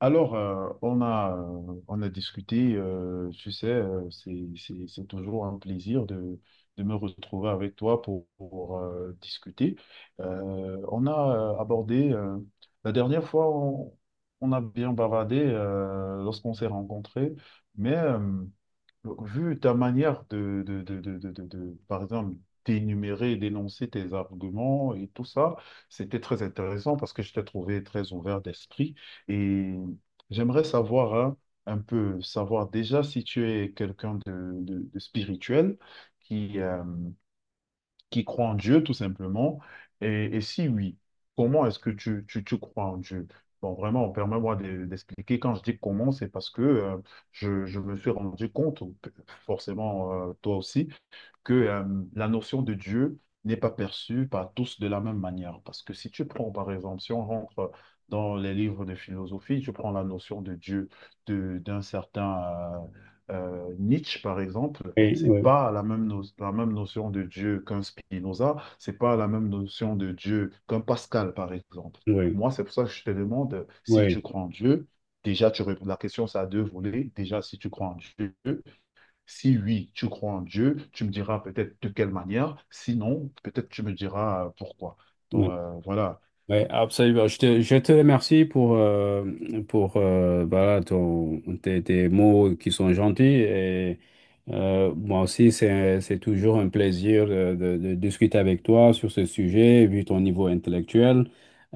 Alors, on a discuté, tu sais, c'est toujours un plaisir de me retrouver avec toi pour, pour discuter. On a abordé, la dernière fois, on a bien bavardé lorsqu'on s'est rencontrés, mais donc, vu ta manière de par exemple, d'énumérer, d'énoncer tes arguments et tout ça, c'était très intéressant parce que je t'ai trouvé très ouvert d'esprit et j'aimerais savoir, hein, un peu, savoir déjà si tu es quelqu'un de spirituel qui, euh, qui croient en Dieu, tout simplement? Et si oui, comment est-ce que tu crois en Dieu? Bon, vraiment, permets-moi d'expliquer. Quand je dis comment, c'est parce que je me suis rendu compte, ou forcément toi aussi, que la notion de Dieu n'est pas perçue par tous de la même manière. Parce que si tu prends, par exemple, si on rentre dans les livres de philosophie, tu prends la notion de Dieu de, d'un certain euh, Nietzsche, par exemple, Oui, c'est oui, pas la même, la même notion de Dieu qu'un Spinoza, c'est pas la même notion de Dieu qu'un Pascal, par exemple. oui, Moi, c'est pour ça que je te demande si oui, tu crois en Dieu. Déjà, tu réponds, la question, ça a deux volets. Déjà, si tu crois en Dieu, si oui, tu crois en Dieu, tu me diras peut-être de quelle manière. Sinon, peut-être tu me diras pourquoi. Donc oui, euh, voilà. oui, absolument. Je te remercie pour voilà, tes mots qui sont gentils. Et, moi aussi, c'est toujours un plaisir de, de discuter avec toi sur ce sujet, vu ton niveau intellectuel.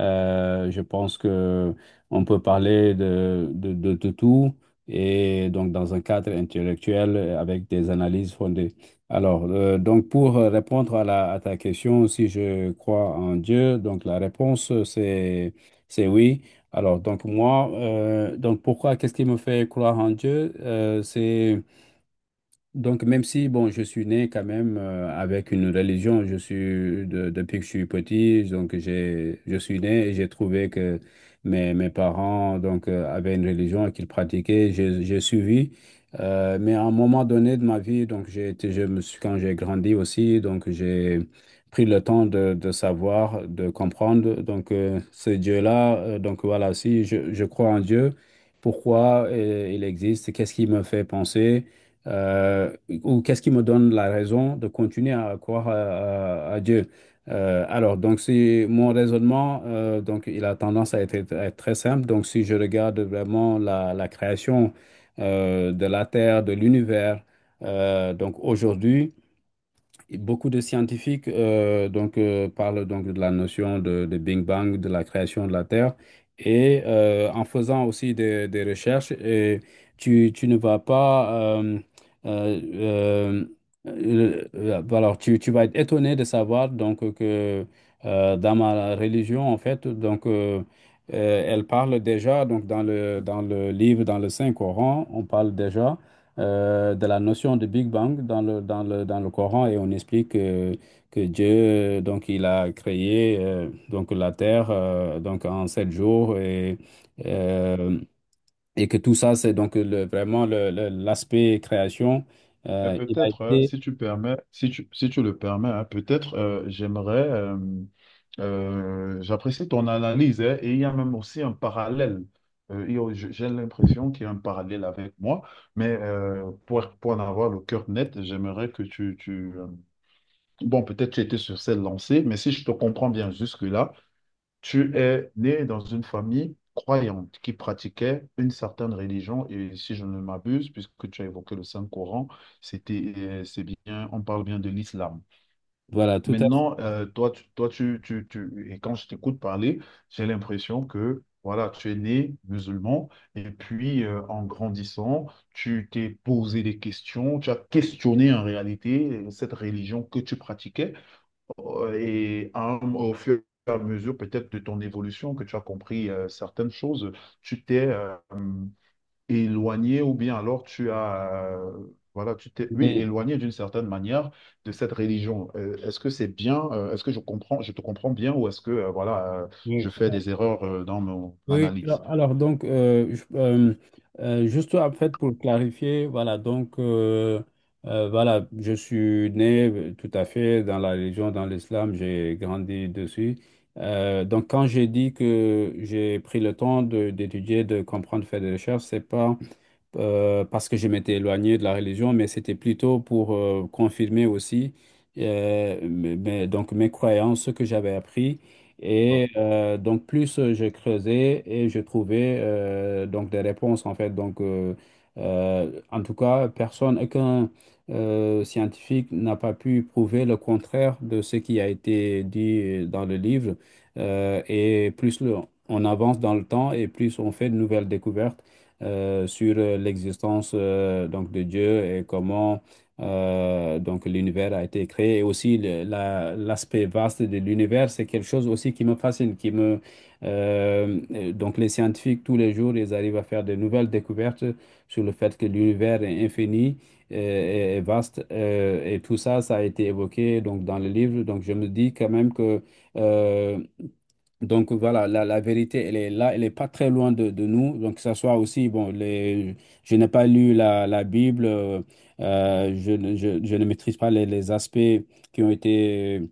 Je pense que on peut parler de tout et donc dans un cadre intellectuel avec des analyses fondées. Alors, donc pour répondre à ta question, si je crois en Dieu, donc la réponse c'est oui. Alors donc moi, donc pourquoi, qu'est-ce qui me fait croire en Dieu? C'est donc, même si, bon, je suis né quand même avec une religion, depuis que je suis petit, donc je suis né et j'ai trouvé que mes parents, donc, avaient une religion et qu'ils pratiquaient, j'ai suivi. Mais à un moment donné de ma vie, donc, j'ai été, je me suis, quand j'ai grandi aussi, donc, j'ai pris le temps de savoir, de comprendre, donc, ce Dieu-là, donc, voilà, si je crois en Dieu, pourquoi il existe, qu'est-ce qui me fait penser? euh, ou qu'est-ce qui me donne la raison de continuer à croire à Dieu? Alors, donc, si mon raisonnement, donc, il a tendance à être très simple. Donc, si je regarde vraiment la création de la Terre, de l'univers, donc aujourd'hui, et beaucoup de scientifiques donc, parlent donc de la notion de Big Bang, de la création de la Terre. Et en faisant aussi des recherches, et tu ne vas pas... euh, euh, alors, tu vas être étonné de savoir donc, que dans ma religion, en fait, donc, elle parle déjà, donc, dans le livre, dans le Saint-Coran, on parle déjà de la notion de Big Bang dans le Coran et on explique que Dieu, donc, il a créé donc, la Terre donc, en 7 jours euh, et que tout ça, c'est donc le, vraiment le- l'aspect création. Mais Il a peut-être, été, si tu permets, si tu, si tu le permets, hein, peut-être j'aimerais, j'apprécie ton analyse, hein, et il y a même aussi un parallèle. J'ai l'impression qu'il y a un parallèle avec moi, mais pour en avoir le cœur net, j'aimerais que tu, bon, peut-être tu étais sur cette lancée, mais si je te comprends bien jusque-là. Tu es né dans une famille croyante qui pratiquait une certaine religion et si je ne m'abuse, puisque tu as évoqué le Saint-Coran, c'était, c'est bien, on parle bien de l'islam. voilà, tout à Maintenant, toi, tu, toi, et quand je t'écoute parler, j'ai l'impression que voilà, tu es né musulman et puis en grandissant, tu t'es posé des questions, tu as questionné en réalité cette religion que tu pratiquais. Ouais, et au fur et à mesure peut-être de ton évolution, que tu as compris certaines choses, tu t'es éloigné ou bien alors tu as, voilà, tu t'es, oui, fait. éloigné d'une certaine manière de cette religion. Est-ce que c'est bien, est-ce que je comprends, je te comprends bien ou est-ce que, voilà, je fais des erreurs dans mon Oui, analyse? alors, donc, juste en fait pour clarifier, voilà, donc, voilà, je suis né tout à fait dans la religion, dans l'islam, j'ai grandi dessus. Donc, quand j'ai dit que j'ai pris le temps d'étudier, de comprendre, faire des recherches, c'est pas parce que je m'étais éloigné de la religion, mais c'était plutôt pour confirmer aussi mes croyances, ce que j'avais appris. Voilà. Et donc plus je creusais et je trouvais donc des réponses en fait. Donc en tout cas, personne, aucun scientifique n'a pas pu prouver le contraire de ce qui a été dit dans le livre. Et plus on avance dans le temps et plus on fait de nouvelles découvertes sur l'existence donc de Dieu et comment donc l'univers a été créé. Et aussi l'aspect vaste de l'univers, c'est quelque chose aussi qui me fascine, qui me donc les scientifiques tous les jours, ils arrivent à faire de nouvelles découvertes sur le fait que l'univers est infini et vaste et tout ça, ça a été évoqué donc dans le livre. Donc je me dis quand même que euh, donc voilà, la vérité, elle est là, elle n'est pas très loin de nous. Donc que ce soit aussi, bon, je n'ai pas lu la Bible, je ne maîtrise pas les aspects qui ont été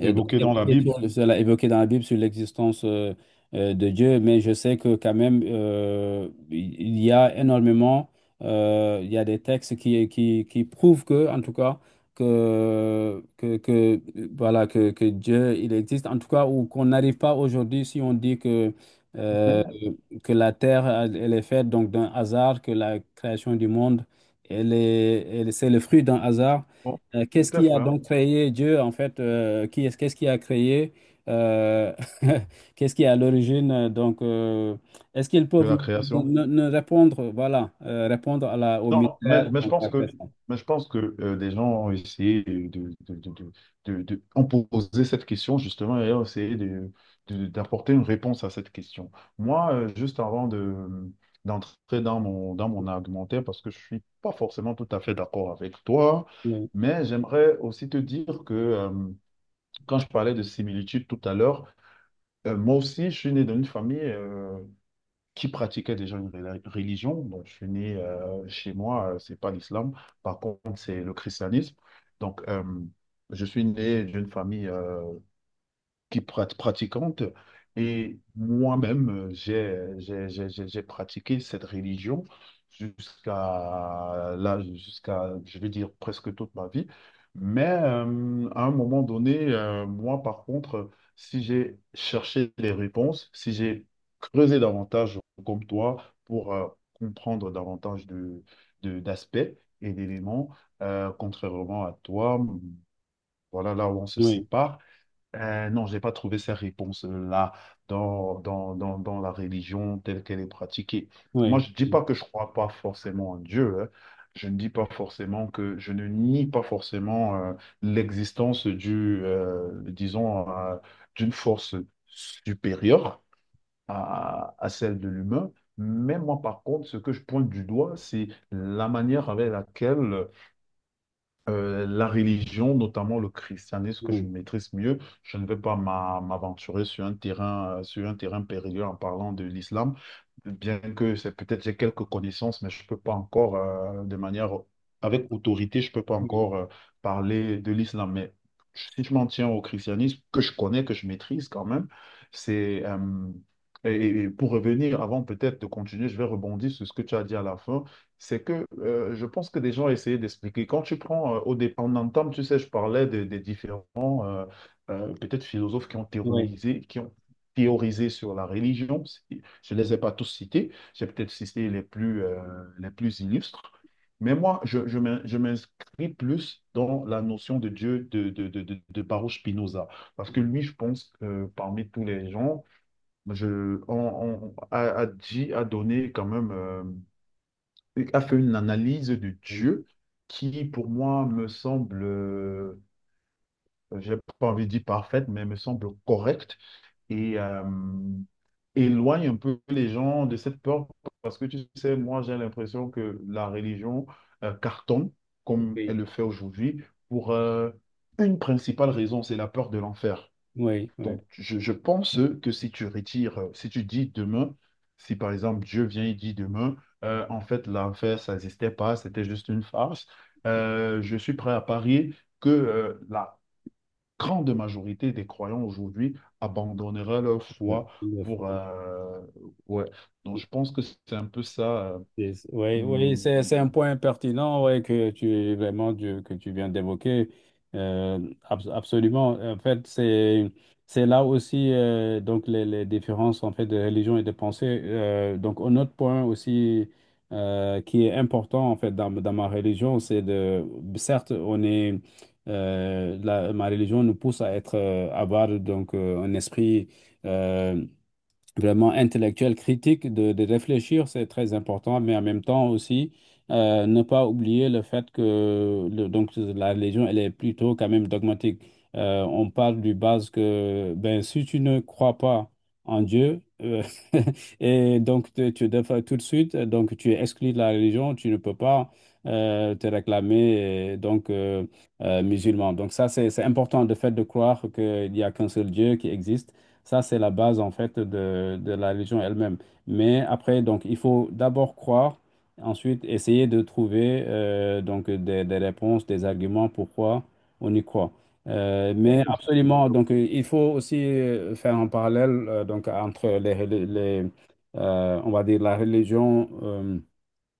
donc, Évoqué dans la Bible, cela évoqué dans la Bible sur l'existence de Dieu, mais je sais que quand même, il y a énormément, il y a des textes qui prouvent que, en tout cas, que, voilà, que Dieu, il existe, en tout cas, ou qu'on n'arrive pas aujourd'hui si on dit euh, mais que la terre, elle est faite donc d'un hasard, que la création du monde, c'est le fruit d'un hasard. bon, Qu'est-ce qui peut-être, a hein, donc créé Dieu, en fait, qu'est-ce qui a créé, euh, qu'est-ce qui est à l'origine, donc, est-ce qu'ils de peuvent la ne, création. ne- ne répondre, voilà, répondre au Non, mystère, mais je donc, pense la que, personne. mais je pense que des gens ont essayé de ont posé cette question justement et ont essayé de, d'apporter une réponse à cette question. Moi, juste avant de, d'entrer dans mon argumentaire, parce que je suis pas forcément tout à fait d'accord avec toi, Oui, mais j'aimerais aussi te dire que quand je parlais de similitude tout à l'heure, moi aussi, je suis né dans une famille qui pratiquaient déjà une religion. Donc, je suis né chez moi, c'est pas l'islam. Par contre, c'est le christianisme. Donc, je suis né d'une famille qui pratiquante. Et moi-même, j'ai pratiqué cette religion jusqu'à là, jusqu'à, je vais dire, presque toute ma vie. Mais à un moment donné, moi, par contre, si j'ai cherché des réponses, si j'ai creusé davantage comme toi pour comprendre davantage de, d'aspects et d'éléments, contrairement à toi, voilà là où on se oui, sépare. Non, je n'ai pas trouvé ces réponses-là dans la religion telle qu'elle est pratiquée. Moi, oui, je ne dis pas que je ne crois pas forcément en Dieu. Hein. Je ne dis pas forcément que je ne nie pas forcément l'existence du, disons, d'une force supérieure à celle de l'humain. Mais moi, par contre, ce que je pointe du doigt, c'est la manière avec laquelle la religion, notamment le christianisme que je oui, maîtrise mieux. Je ne vais pas m'aventurer sur un terrain périlleux en parlant de l'islam, bien que c'est peut-être j'ai quelques connaissances, mais je ne peux pas encore, de manière avec autorité, je ne peux pas oui, encore parler de l'islam. Mais si je m'en tiens au christianisme, que je connais, que je maîtrise quand même, c'est et pour revenir, avant peut-être de continuer, je vais rebondir sur ce que tu as dit à la fin, c'est que je pense que des gens essayaient d'expliquer. Quand tu prends, au départ en entame, tu sais, je parlais des différents, peut-être philosophes oui, oui, qui ont théorisé sur la religion. C'est- je ne les ai pas tous cités, j'ai peut-être cité les plus illustres. Mais moi, je, je m'inscris plus dans la notion de Dieu de Baruch Spinoza. Parce que lui, je pense que parmi tous les gens, je, on, a, a dit, a donné quand même. A fait une analyse de oui, Dieu qui, pour moi, me semble, j'ai pas envie de dire parfaite, mais me semble correcte et éloigne un peu les gens de cette peur. Parce que tu sais, moi, j'ai l'impression que la religion cartonne, comme elle oui, le fait aujourd'hui, pour une principale raison, c'est la peur de l'enfer. oui, oui, Donc, je pense que si tu retires, si tu dis demain, si par exemple Dieu vient et dit demain, en fait, l'enfer, ça n'existait pas, c'était juste une farce, je suis prêt à parier que la grande majorité des croyants aujourd'hui abandonnera leur oui, foi oui, pour... oui, euh, ouais. Donc, oui. je pense que c'est un peu ça. Oui, oui, hum, c'est un point pertinent, ouais, que tu vraiment que tu viens d'évoquer. Euh, Absolument. En fait, c'est là aussi donc les différences en fait de religion et de pensée. Donc un autre point aussi qui est important en fait dans ma religion, c'est de certes on est ma religion nous pousse à être avoir donc un esprit euh, vraiment intellectuel, critique, de réfléchir, c'est très important, mais en même temps aussi, ne pas oublier le fait que donc, la religion, elle est plutôt quand même dogmatique. On parle du base que ben, si tu ne crois pas en Dieu, et donc tu devrais tout de suite, donc tu es exclu de la religion, tu ne peux pas te réclamer donc musulman. Donc ça, c'est important, de fait de croire qu'il n'y a qu'un seul Dieu qui existe. Ça, c'est la base en fait de la religion elle-même. Mais après, donc, il faut d'abord croire, ensuite essayer de trouver donc des réponses, des arguments pourquoi on y croit. Ouais, Mais je- absolument, donc, il faut aussi faire un parallèle donc, entre les, les, on va dire la religion,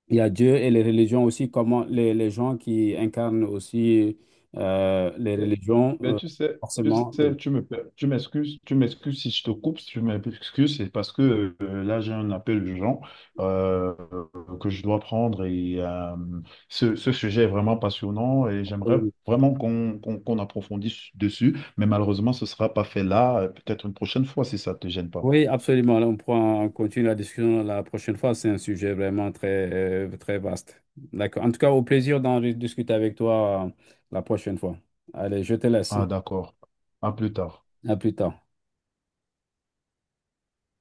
il y a Dieu et les religions aussi, comment les gens qui incarnent aussi les religions, ben, tu sais, tu forcément. sais, Oui. Tu m'excuses si je te coupe, si tu m'excuses, c'est parce que là, j'ai un appel urgent euh, que je dois prendre et ce, ce sujet est vraiment passionnant et j'aimerais vraiment qu'on approfondisse dessus, mais malheureusement, ce ne sera pas fait là, peut-être une prochaine fois si ça ne te gêne pas. Oui, absolument. On pourra continuer la discussion la prochaine fois. C'est un sujet vraiment très vaste. D'accord. En tout cas, au plaisir d'en discuter avec toi la prochaine fois. Allez, je te laisse. Ah, d'accord. À plus tard. À plus tard.